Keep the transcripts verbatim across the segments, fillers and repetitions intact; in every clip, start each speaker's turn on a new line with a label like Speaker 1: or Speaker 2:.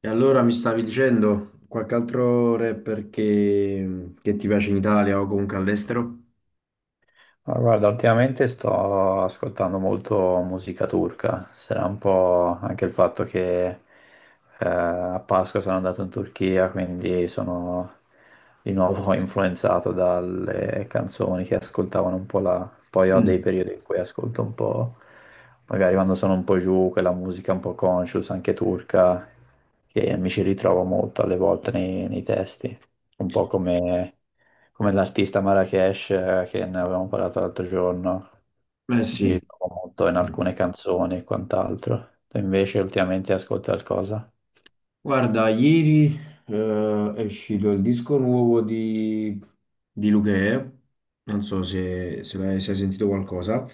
Speaker 1: E allora mi stavi dicendo qualche altro rapper che, che ti piace in Italia o comunque all'estero?
Speaker 2: Ah, guarda, ultimamente sto ascoltando molto musica turca, sarà un po' anche il fatto che eh, a Pasqua sono andato in Turchia, quindi sono di nuovo influenzato dalle canzoni che ascoltavano un po' là. Poi ho dei
Speaker 1: Mm.
Speaker 2: periodi in cui ascolto un po', magari quando sono un po' giù, quella musica un po' conscious, anche turca, che mi ci ritrovo molto alle volte nei, nei testi, un po' come come l'artista Marrakesh eh, che ne avevamo parlato l'altro giorno,
Speaker 1: Eh
Speaker 2: mi
Speaker 1: sì.
Speaker 2: ritrovo molto in alcune canzoni e quant'altro. Tu invece ultimamente ascolti qualcosa?
Speaker 1: Guarda, ieri eh, è uscito il disco nuovo di, di Luchè, non so se, se l'hai se hai sentito qualcosa.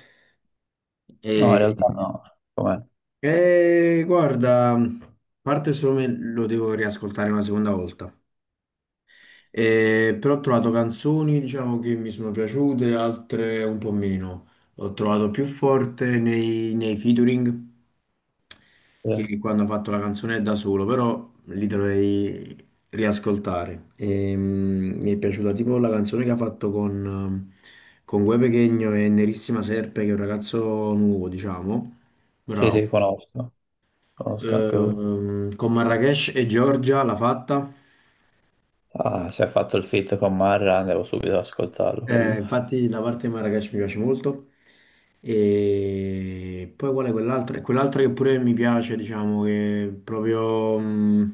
Speaker 2: No,
Speaker 1: E,
Speaker 2: in realtà no. Com'è?
Speaker 1: e guarda, a parte solo me lo devo riascoltare una seconda volta. Eh, però ho trovato canzoni, diciamo, che mi sono piaciute, altre un po' meno. Ho trovato più forte nei, nei featuring
Speaker 2: Eh,
Speaker 1: che quando ho fatto la canzone da solo, però li dovrei riascoltare. Ehm, mi è piaciuta tipo la canzone che ha fatto con, con Guè Pequeno e Nerissima Serpe, che è un ragazzo nuovo, diciamo. Ah,
Speaker 2: Sì,
Speaker 1: bravo.
Speaker 2: sì, conosco, conosco anche lui.
Speaker 1: Ehm, con Marrakesh e Giorgia l'ha fatta.
Speaker 2: Ah, si è fatto il feat con Marra, devo subito ascoltarlo
Speaker 1: Eh,
Speaker 2: quello.
Speaker 1: infatti la parte di Marrakesh mi piace molto e poi qual è quell'altro? E quell'altro che pure mi piace, diciamo che è proprio mm,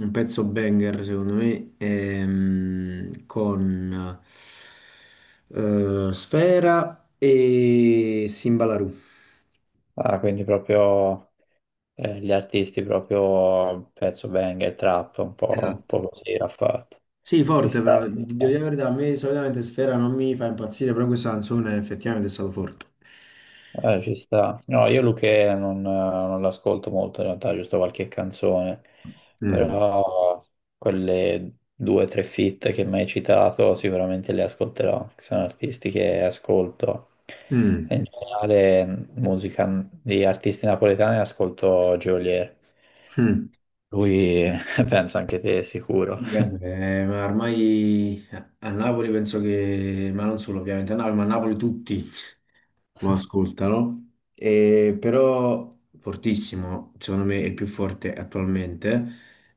Speaker 1: un pezzo banger secondo me è, mm, con eh, Sfera e Simbalarù.
Speaker 2: Ah, quindi proprio eh, gli artisti, proprio pezzo banger, trap, un po', un
Speaker 1: Esatto.
Speaker 2: po' così ha fatto.
Speaker 1: Sì,
Speaker 2: Ci
Speaker 1: forte
Speaker 2: sta.
Speaker 1: però,
Speaker 2: Ci
Speaker 1: di devo dire
Speaker 2: sta.
Speaker 1: la verità, a me solitamente Sfera non mi fa impazzire, però questa canzone effettivamente è stato forte.
Speaker 2: Eh, ci sta. No, io Luchè non, non l'ascolto molto in realtà, giusto qualche canzone,
Speaker 1: Mm.
Speaker 2: però quelle due o tre feat che mi hai citato sicuramente le ascolterò, che sono artisti che ascolto.
Speaker 1: Mm.
Speaker 2: In generale musica di artisti napoletani ascolto Geolier,
Speaker 1: Mm.
Speaker 2: lui pensa anche te sicuro.
Speaker 1: Sì, vabbè, ma ormai a a Napoli penso che, ma non solo ovviamente a Napoli, ma a Napoli tutti lo ascoltano. E però fortissimo, secondo me è il più forte attualmente.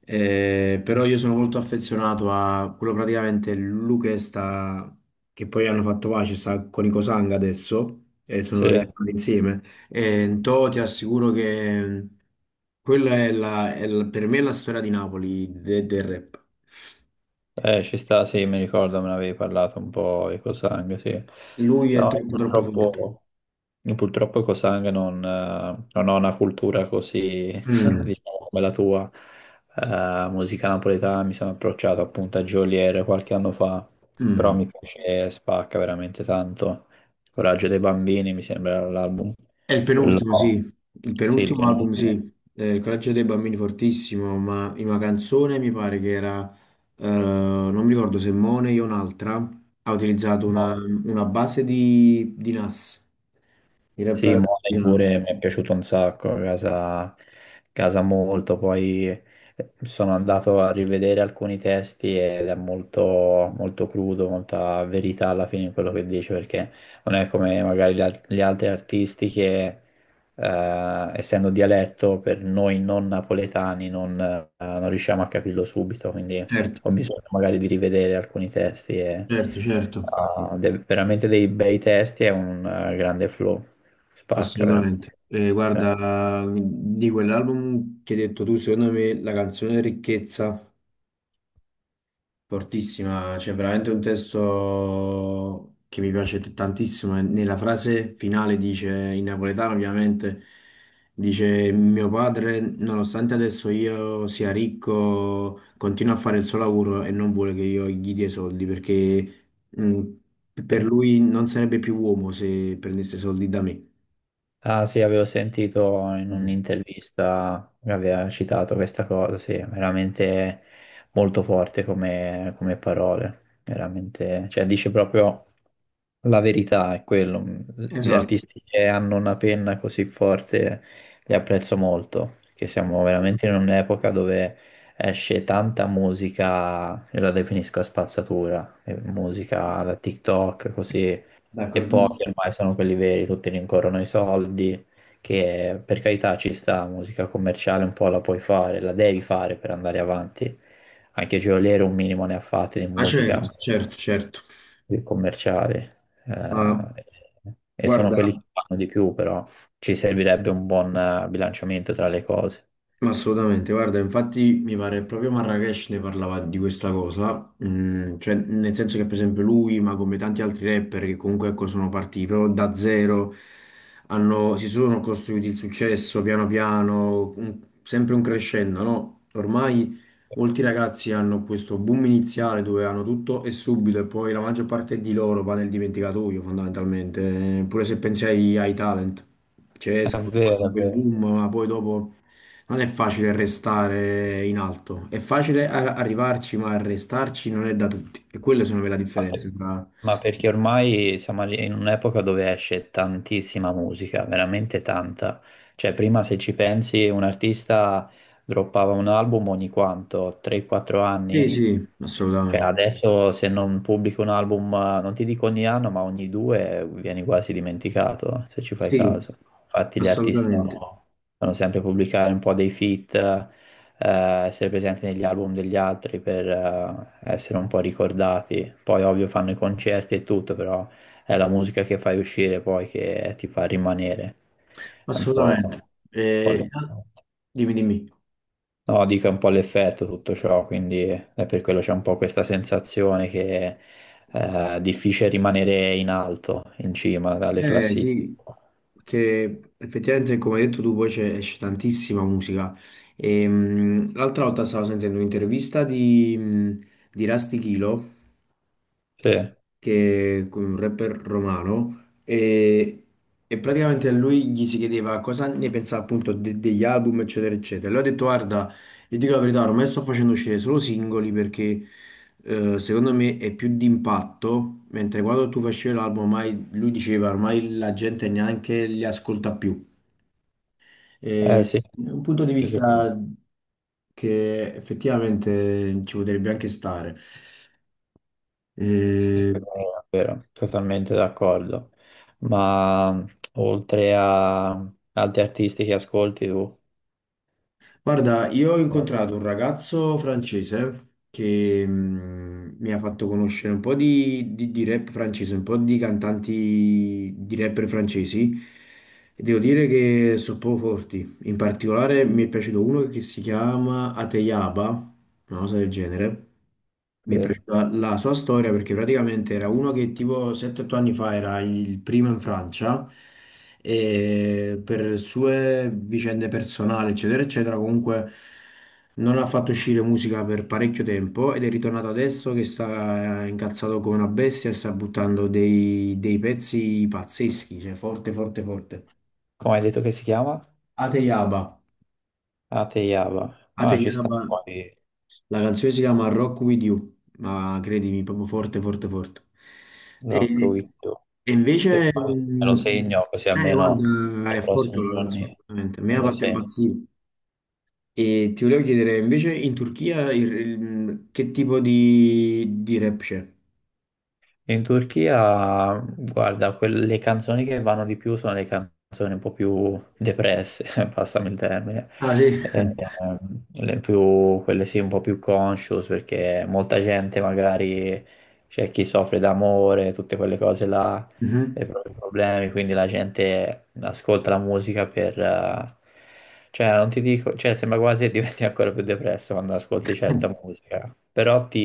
Speaker 1: Eh, però io sono molto affezionato a quello praticamente Luque sta, che poi hanno fatto pace, sta con i Cosanga adesso e sono Mm.
Speaker 2: Sì.
Speaker 1: ritornati insieme. Eh, Tò, ti assicuro che quella è, la, è la- per me è la storia di Napoli de- del rap.
Speaker 2: Eh, ci sta, sì, mi ricordo, me ne avevi parlato un po' di Cosang, sì.
Speaker 1: Lui è
Speaker 2: No, io
Speaker 1: troppo, troppo forte.
Speaker 2: purtroppo, io purtroppo Cosang non, eh, non ho una cultura così,
Speaker 1: Mm,
Speaker 2: diciamo, come la tua. Eh, musica napoletana mi sono approcciato appunto a Geolier qualche anno fa, però
Speaker 1: mm.
Speaker 2: mi piace, spacca veramente tanto. Coraggio dei bambini mi sembra l'album.
Speaker 1: È il
Speaker 2: Quello-
Speaker 1: penultimo, sì. Il
Speaker 2: Sì, il
Speaker 1: penultimo album,
Speaker 2: penultimo.
Speaker 1: sì. Eh, il coraggio dei bambini fortissimo, ma in una canzone mi pare che era, eh, non mi ricordo se Mone o un'altra, ha utilizzato una, una base di, di Nas. Il
Speaker 2: Sì,
Speaker 1: rapper di
Speaker 2: Money
Speaker 1: Nas.
Speaker 2: pure mi è piaciuto un sacco, casa, casa molto, poi eh, sono andato a rivedere alcuni testi ed è molto, molto crudo, molta verità alla fine in quello che dice, perché non è come magari gli, al- gli altri artisti che, eh, essendo dialetto, per noi non napoletani non, eh, non riusciamo a capirlo subito, quindi
Speaker 1: Certo,
Speaker 2: ho bisogno magari di rivedere alcuni testi e,
Speaker 1: certo, certo.
Speaker 2: eh, de- veramente dei bei testi e un eh, grande flow. Spacca
Speaker 1: Assolutamente.
Speaker 2: veramente.
Speaker 1: Eh, guarda, di quell'album che hai detto tu, secondo me la canzone Ricchezza, fortissima, c'è veramente un testo che mi piace t- tantissimo. E nella frase finale dice, in napoletano ovviamente, dice mio padre, nonostante adesso io sia ricco, continua a fare il suo lavoro e non vuole che io gli dia i soldi perché mm, per
Speaker 2: Veramente.
Speaker 1: lui non sarebbe più uomo se prendesse soldi da me.
Speaker 2: Ah sì, avevo sentito in
Speaker 1: Mm.
Speaker 2: un'intervista che aveva citato questa cosa, sì, veramente molto forte come, come parole, veramente, cioè dice proprio la verità, è quello. Gli
Speaker 1: Esatto.
Speaker 2: artisti che hanno una penna così forte li apprezzo molto, perché siamo veramente in un'epoca dove esce tanta musica, io la definisco a spazzatura, eh, musica da TikTok, così. E
Speaker 1: D'accordo.
Speaker 2: pochi ormai sono quelli veri, tutti rincorrono i soldi, che per carità ci sta, musica commerciale un po' la puoi fare, la devi fare per andare avanti. Anche Geolier un minimo ne ha fatte di
Speaker 1: Ah,
Speaker 2: musica
Speaker 1: certo, certo, certo.
Speaker 2: più commerciale.
Speaker 1: Ma
Speaker 2: eh, e sono
Speaker 1: guarda.
Speaker 2: quelli
Speaker 1: Mm.
Speaker 2: che fanno di più, però ci servirebbe un buon eh, bilanciamento tra le cose.
Speaker 1: Ma assolutamente, guarda, infatti mi pare proprio Marrakesh ne parlava di questa cosa, mm, cioè nel senso che per esempio lui, ma come tanti altri rapper che comunque ecco, sono partiti proprio da zero, hanno- si sono costruiti il successo piano piano, un- sempre un crescendo, no? Ormai molti ragazzi hanno questo boom iniziale dove hanno tutto e subito e poi la maggior parte di loro va nel dimenticatoio fondamentalmente, eh, pure se pensi ai, ai talent, cioè
Speaker 2: È
Speaker 1: escono,
Speaker 2: vero,
Speaker 1: fanno
Speaker 2: è
Speaker 1: quel
Speaker 2: vero.
Speaker 1: boom, ma poi dopo. Non è facile restare in alto, è facile a- arrivarci, ma restarci non è da tutti. E quelle sono le la
Speaker 2: Vabbè.
Speaker 1: differenze tra.
Speaker 2: Ma perché ormai siamo lì in un'epoca dove esce tantissima musica, veramente tanta. Cioè, prima se ci pensi, un artista droppava un album ogni quanto, tre quattro
Speaker 1: Sì,
Speaker 2: anni?
Speaker 1: sì,
Speaker 2: Cioè
Speaker 1: assolutamente.
Speaker 2: adesso se non pubblico un album, non ti dico ogni anno, ma ogni due vieni quasi dimenticato, se ci fai
Speaker 1: Sì,
Speaker 2: caso. Infatti gli artisti
Speaker 1: assolutamente.
Speaker 2: devono, devono sempre pubblicare un po' dei feat, eh, essere presenti negli album degli altri per eh, essere un po' ricordati. Poi ovvio fanno i concerti e tutto, però è la musica che fai uscire poi che ti fa rimanere. È un po'...
Speaker 1: Assolutamente.
Speaker 2: un po' lì.
Speaker 1: Eh, dimmi, dimmi.
Speaker 2: No, dica un po' l'effetto tutto ciò, quindi è per quello c'è un po' questa sensazione che eh, è difficile rimanere in alto, in cima dalle
Speaker 1: Eh
Speaker 2: classifiche.
Speaker 1: sì, perché effettivamente come hai detto tu poi c'è- esce tantissima musica. E, mh, l'altra volta stavo sentendo un'intervista di, mh, di Rusty Kilo
Speaker 2: Sì, eh
Speaker 1: che è un rapper romano e, e praticamente a lui gli si chiedeva cosa ne pensava appunto de- degli album eccetera eccetera. E lui ha detto guarda, io dico la verità, ormai sto facendo uscire solo singoli perché eh, secondo me è più di impatto, mentre quando tu facevi l'album ormai lui diceva ormai la gente neanche li ascolta più. E
Speaker 2: sì,
Speaker 1: è un punto di
Speaker 2: sì, sì, sì,
Speaker 1: vista che effettivamente ci potrebbe anche stare. Eh,
Speaker 2: è vero, totalmente d'accordo. Ma oltre a altri artisti che ascolti tu?
Speaker 1: Guarda, io ho incontrato un ragazzo francese che mh, mi ha fatto conoscere un po' di, di- di rap francese, un po' di cantanti di rapper francesi e devo dire che sono proprio forti. In particolare mi è piaciuto uno che si chiama Ateyaba, una cosa del genere. Mi è
Speaker 2: Sì.
Speaker 1: piaciuta la sua storia perché praticamente era uno che tipo sette otto anni fa era il primo in Francia e per sue vicende personali, eccetera, eccetera, comunque non ha fatto uscire musica per parecchio tempo ed è ritornato adesso che sta incazzato come una bestia e sta buttando dei, dei pezzi pazzeschi, cioè forte, forte, forte.
Speaker 2: Come hai detto che si chiama?
Speaker 1: Ateyaba.
Speaker 2: Ateyaba. Ah, ci sta.
Speaker 1: Ateyaba
Speaker 2: Poi
Speaker 1: La canzone si chiama Rock With You, ma credimi, proprio forte, forte, forte.
Speaker 2: Rock
Speaker 1: E,
Speaker 2: With
Speaker 1: e
Speaker 2: Sì,
Speaker 1: invece,
Speaker 2: poi me lo
Speaker 1: mm,
Speaker 2: segno così
Speaker 1: eh,
Speaker 2: almeno
Speaker 1: guarda,
Speaker 2: nei
Speaker 1: è forte
Speaker 2: prossimi
Speaker 1: la
Speaker 2: giorni
Speaker 1: canzone, veramente. A
Speaker 2: me
Speaker 1: me ha
Speaker 2: lo
Speaker 1: fatto
Speaker 2: segno.
Speaker 1: impazzire. E ti volevo chiedere, invece, in Turchia il- il- che tipo di, di rap c'è?
Speaker 2: In Turchia, guarda, quelle canzoni che vanno di più sono le canzoni un po' più depresse, passami il termine.
Speaker 1: Ah, sì.
Speaker 2: Eh, ehm, le più- quelle sì un po' più conscious perché molta gente magari c'è chi soffre d'amore, tutte quelle cose là,
Speaker 1: Mhm.
Speaker 2: i propri problemi, quindi la gente ascolta la musica per... eh, cioè, non ti dico, cioè, sembra quasi che diventi ancora più depresso quando ascolti certa musica, però ti,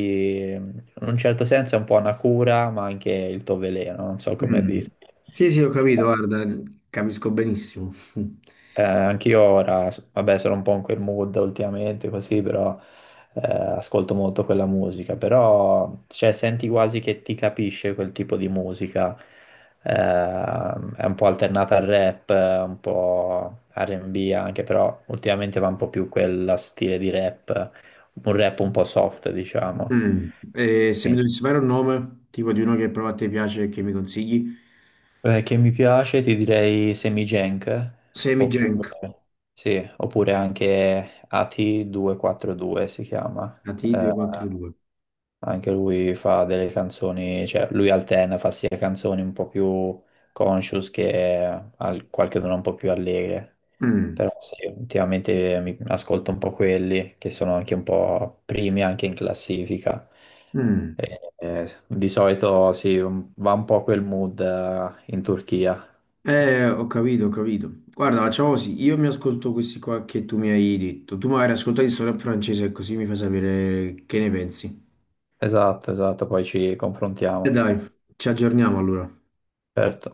Speaker 2: in un certo senso è un po' una cura, ma anche il tuo veleno, non so come
Speaker 1: Mm.
Speaker 2: dirti.
Speaker 1: Sì, sì, ho capito, guarda, capisco benissimo.
Speaker 2: Eh, anch'io ora, s- vabbè, sono un po' in quel mood ultimamente, così, però eh, ascolto molto quella musica, però cioè, senti quasi che ti capisce quel tipo di musica. Eh, è un po' alternata al rap, eh, un po' R and B anche, però ultimamente va un po' più quel stile di rap, un rap un po' soft, diciamo.
Speaker 1: Mm. E se mi dovessi fare un nome, tipo di uno che prova a te piace e che mi consigli?
Speaker 2: Eh, che mi piace, ti direi Semigenk,
Speaker 1: Semi Genk.
Speaker 2: oppure, sì, oppure anche A T due quattro due si chiama.
Speaker 1: A T I
Speaker 2: Eh,
Speaker 1: duecentoquarantadue.
Speaker 2: anche lui fa delle canzoni, cioè lui alterna, fa sia canzoni un po' più conscious che al- qualche una un po' più allegre.
Speaker 1: Mm,
Speaker 2: Però sì, ultimamente mi ascolto un po' quelli che sono anche un po' primi anche in classifica.
Speaker 1: mm.
Speaker 2: E, eh, di solito sì, un- va un po' quel mood eh, in Turchia.
Speaker 1: Eh, ho capito, ho capito. Guarda, facciamo così, io mi ascolto questi qua che tu mi hai detto. Tu magari ascoltati solo in francese, così mi fai sapere che ne pensi.
Speaker 2: Esatto, esatto, poi ci
Speaker 1: E
Speaker 2: confrontiamo.
Speaker 1: dai, ci aggiorniamo allora.
Speaker 2: Certo.